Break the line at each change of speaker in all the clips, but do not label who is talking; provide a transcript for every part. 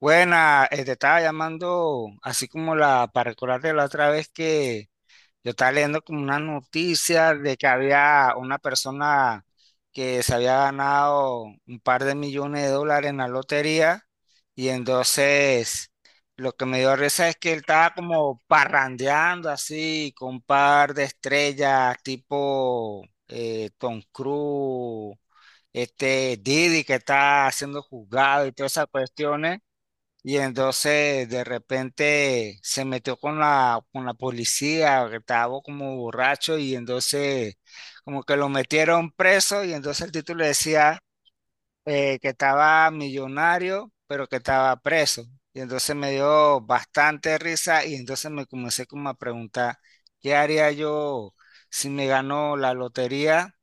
Buena, te estaba llamando así como la para recordarte la otra vez que yo estaba leyendo como una noticia de que había una persona que se había ganado un par de millones de dólares en la lotería y entonces lo que me dio risa es que él estaba como parrandeando así con un par de estrellas tipo Tom Cruise, este Didi que está siendo juzgado y todas esas cuestiones. Y entonces de repente se metió con con la policía, que estaba como borracho, y entonces como que lo metieron preso, y entonces el título decía que estaba millonario, pero que estaba preso. Y entonces me dio bastante risa, y entonces me comencé como a preguntar, ¿qué haría yo si me ganó la lotería?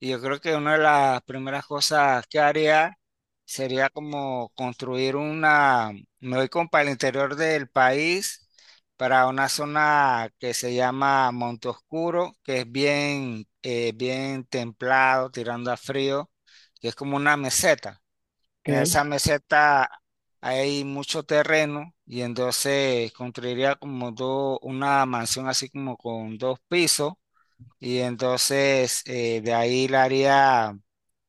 Y yo creo que una de las primeras cosas que haría sería como construir una, me voy como para el interior del país, para una zona que se llama Monte Oscuro, que es bien, bien templado, tirando a frío, que es como una meseta. En esa
Ok,
meseta hay mucho terreno y entonces construiría como una mansión así como con dos pisos y entonces de ahí la haría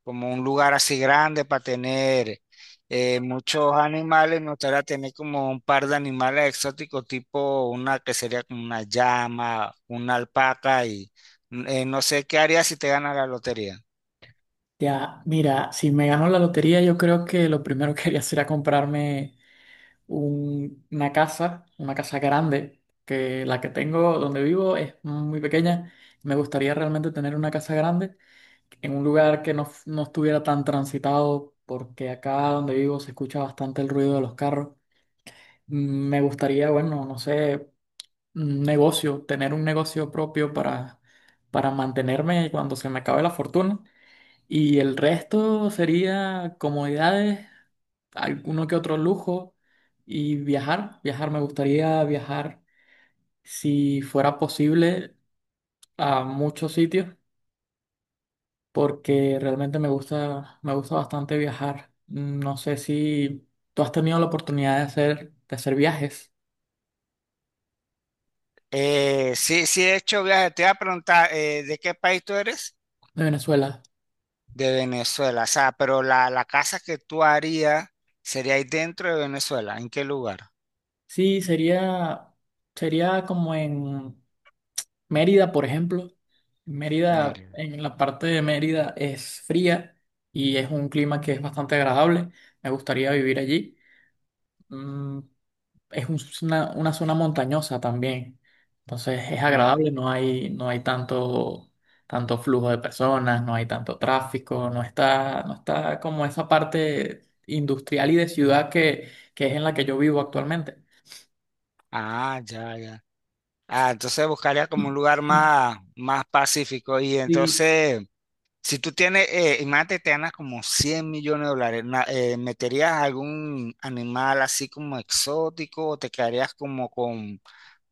como un lugar así grande para tener muchos animales. Me gustaría tener como un par de animales exóticos, tipo una que sería como una llama, una alpaca y no sé qué harías si te ganas la lotería.
ya, mira, si me gano la lotería, yo creo que lo primero que haría sería comprarme una casa grande, que la que tengo donde vivo es muy pequeña. Me gustaría realmente tener una casa grande en un lugar que no, no estuviera tan transitado, porque acá donde vivo se escucha bastante el ruido de los carros. Me gustaría, bueno, no sé, un negocio, tener un negocio propio para mantenerme cuando se me acabe la fortuna. Y el resto sería comodidades, alguno que otro lujo y viajar. Viajar, me gustaría viajar si fuera posible a muchos sitios porque realmente me gusta bastante viajar. No sé si tú has tenido la oportunidad de hacer viajes
Sí, sí he hecho viajes. Te iba a preguntar, ¿de qué país tú eres?
de Venezuela.
De Venezuela. O sea, pero la casa que tú harías sería ahí dentro de Venezuela. ¿En qué lugar?
Sí, sería como en Mérida, por ejemplo, Mérida,
Mérida.
en la parte de Mérida es fría y es un clima que es bastante agradable. Me gustaría vivir allí. Mm, una zona montañosa también. Entonces es
No.
agradable, no hay tanto flujo de personas, no hay tanto tráfico, no está como esa parte industrial y de ciudad que es en la que yo vivo actualmente.
Ah, ya, ya. Ah, entonces buscaría como un lugar más, más pacífico. Y
Sí.
entonces, si tú tienes, imagínate, te ganas como 100 millones de dólares, ¿meterías algún animal así como exótico o te quedarías como con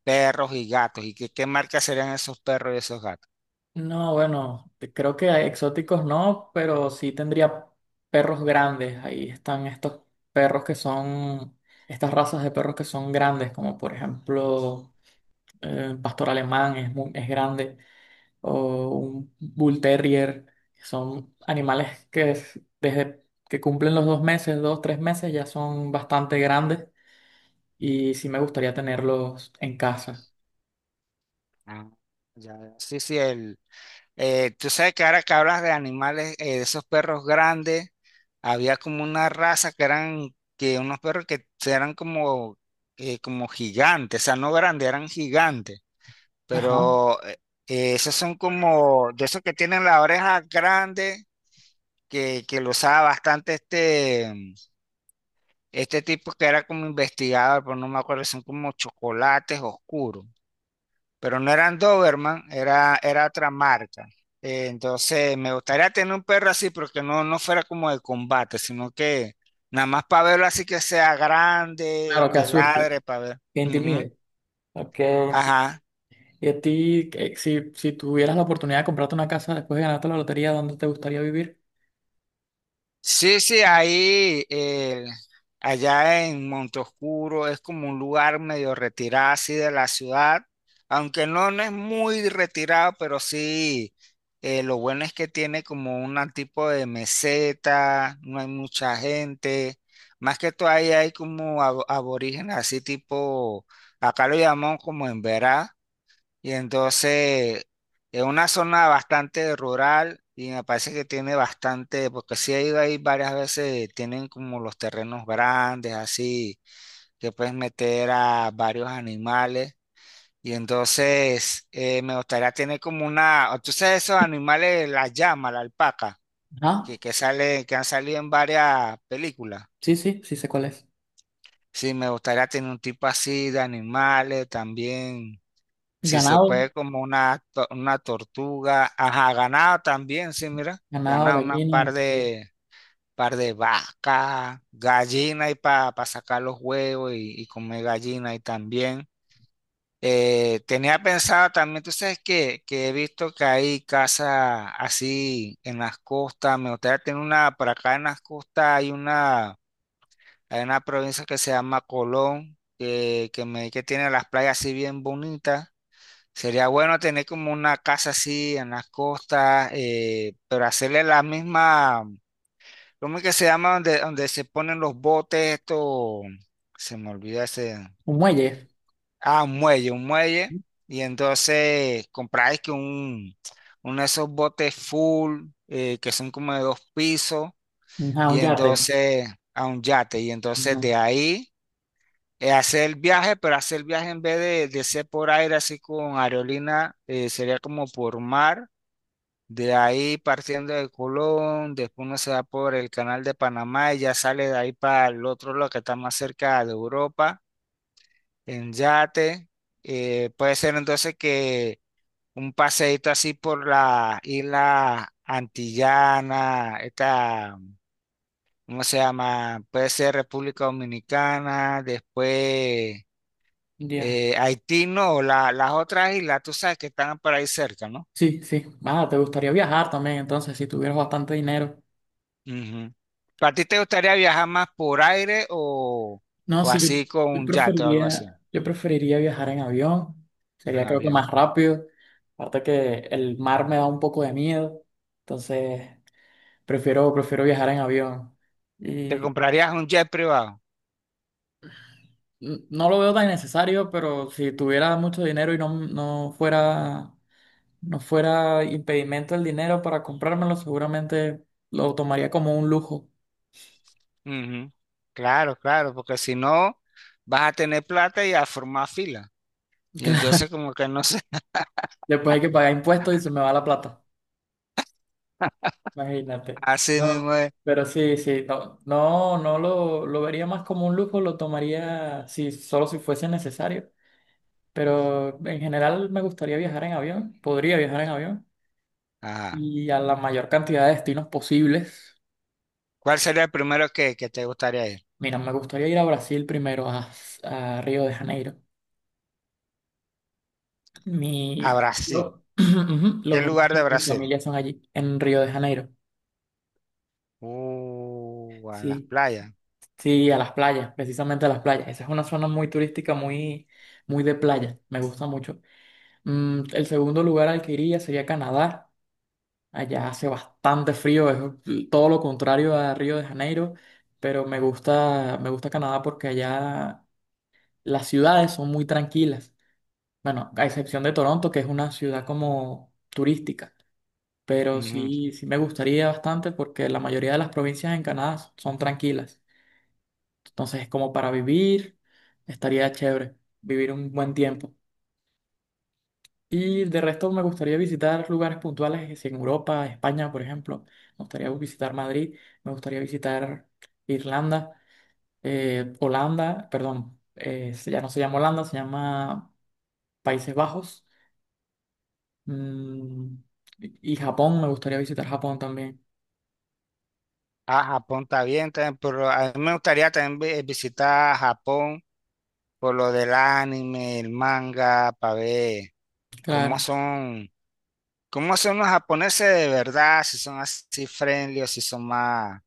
perros y gatos? ¿Y qué, qué marca serían esos perros y esos gatos?
No, bueno, creo que hay exóticos no, pero sí tendría perros grandes. Ahí están estos perros que son, estas razas de perros que son grandes, como por ejemplo un pastor alemán es grande, o un bull terrier. Son animales desde que cumplen los dos meses, dos, tres meses, ya son bastante grandes y sí me gustaría tenerlos en casa.
Ah, ya, ya. Sí, sí, el, tú sabes que ahora que hablas de animales, de esos perros grandes, había como una raza que eran que unos perros que eran como, como gigantes, o sea, no grandes, eran gigantes,
Ajá.
pero esos son como de esos que tienen la oreja grande, que lo usaba bastante este, este tipo que era como investigador, pero no me acuerdo, son como chocolates oscuros pero no eran Doberman, era otra marca. Entonces, me gustaría tener un perro así, pero que no, no fuera como de combate, sino que nada más para verlo así que sea grande,
Claro, que
que
asuste,
ladre, para ver.
que
Ujú.
intimide. Ok.
Ajá.
Y a ti, si tuvieras la oportunidad de comprarte una casa después de ganarte la lotería, ¿dónde te gustaría vivir?
Sí, sí, ahí, allá en Montoscuro es como un lugar medio retirado así de la ciudad, aunque no, no es muy retirado, pero sí, lo bueno es que tiene como un tipo de meseta, no hay mucha gente, más que todo ahí hay como aborígenes así tipo, acá lo llamamos como en y entonces es una zona bastante rural y me parece que tiene bastante, porque sí he ido ahí varias veces, tienen como los terrenos grandes, así, que puedes meter a varios animales. Y entonces me gustaría tener como una, o tú sabes esos animales, la llama, la alpaca,
Ah,
que sale, que han salido en varias películas.
sí, sí, sí sé cuál es.
Sí, me gustaría tener un tipo así de animales también. Si se
Ganado,
puede como una, una tortuga. Ajá, ganado también, sí, mira.
ganado,
Ganado una
gallina, ok.
par de vaca, gallina y para sacar los huevos y comer gallina y también. Tenía pensado también, tú sabes que he visto que hay casas así en las costas. Me gustaría tener una, por acá en las costas hay una provincia que se llama Colón, que tiene las playas así bien bonitas. Sería bueno tener como una casa así en las costas, pero hacerle la misma, ¿cómo es que se llama? Donde se ponen los botes, esto, se me olvida ese,
Un muelle,
ah, un muelle, y entonces compráis que un, uno de esos botes full, que son como de dos pisos,
ajá,
y
un yate.
entonces a un yate, y entonces
Ajá.
de ahí hacer el viaje, pero hacer el viaje en vez de ser por aire, así con aerolínea, sería como por mar. De ahí partiendo de Colón, después uno se va por el canal de Panamá y ya sale de ahí para el otro lado que está más cerca de Europa, en yate. Puede ser entonces que un paseíto así por la isla Antillana, esta, ¿cómo se llama? Puede ser República Dominicana, después
Ya.
Haití, no, las otras islas, tú sabes que están por ahí cerca, ¿no?
Sí, sí. Ah, te gustaría viajar también, entonces, si tuvieras bastante dinero.
Ujú. ¿Para ti te gustaría viajar más por aire
No,
o
sí, yo,
así con un yate o algo así,
yo preferiría viajar en avión.
en
Sería creo que
avión?
más rápido. Aparte que el mar me da un poco de miedo. Entonces, prefiero viajar en avión.
¿Te
Y
comprarías un jet privado?
no lo veo tan necesario, pero si tuviera mucho dinero y no fuera impedimento el dinero para comprármelo, seguramente lo tomaría como un lujo.
Ujú. Claro, claro, porque si no, vas a tener plata y a formar fila. Y entonces como que no sé,
Claro. Después hay que pagar impuestos y se me va la plata. Imagínate.
así
No,
mismo es.
pero sí, sí, no, lo vería más como un lujo, lo tomaría si, solo si fuese necesario. Pero en general me gustaría viajar en avión, podría viajar en avión
Ajá.
y a la mayor cantidad de destinos posibles.
¿Cuál sería el primero que te gustaría ir?
Mira, me gustaría ir a Brasil primero, a Río de Janeiro. Mi,
A Brasil.
ujú, los
¿Qué lugar de
orígenes de mi
Brasil?
familia son allí, en Río de Janeiro.
En las
Sí,
playas.
sí, a las playas, precisamente a las playas. Esa es una zona muy turística, muy, muy de playa. Me gusta mucho. El segundo lugar al que iría sería Canadá. Allá hace bastante frío, es todo lo contrario a Río de Janeiro, pero me gusta Canadá porque allá las ciudades son muy tranquilas. Bueno, a excepción de Toronto, que es una ciudad como turística, pero
Ujú.
sí, sí me gustaría bastante porque la mayoría de las provincias en Canadá son tranquilas. Entonces, como para vivir, estaría chévere vivir un buen tiempo. Y de resto me gustaría visitar lugares puntuales, es en Europa, España, por ejemplo. Me gustaría visitar Madrid, me gustaría visitar Irlanda, Holanda, perdón, ya no se llama Holanda, se llama Países Bajos. Mm, y Japón, me gustaría visitar Japón también.
Ah, Japón está bien también, pero a mí me gustaría también visitar Japón por lo del anime, el manga, para ver cómo
Claro,
son, cómo son los japoneses de verdad, si son así friendly o si son más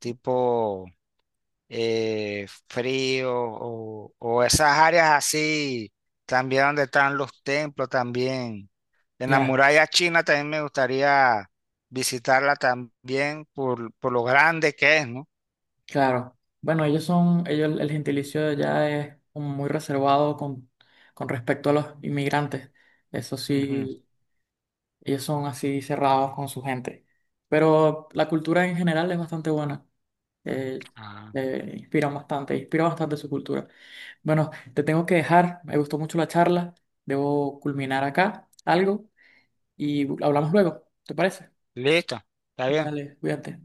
tipo frío o esas áreas así, también donde están los templos también. En la
ya,
muralla china también me gustaría visitarla también por lo grande que es, ¿no?
claro. Bueno, ellos son, ellos, el gentilicio de allá es como muy reservado con respecto a los inmigrantes. Eso
Ujú.
sí, ellos son así cerrados con su gente. Pero la cultura en general es bastante buena. Eh,
Ah,
inspiran bastante, inspira bastante su cultura. Bueno, te tengo que dejar. Me gustó mucho la charla. Debo culminar acá algo y hablamos luego. ¿Te parece?
listo, está bien.
Dale, cuídate.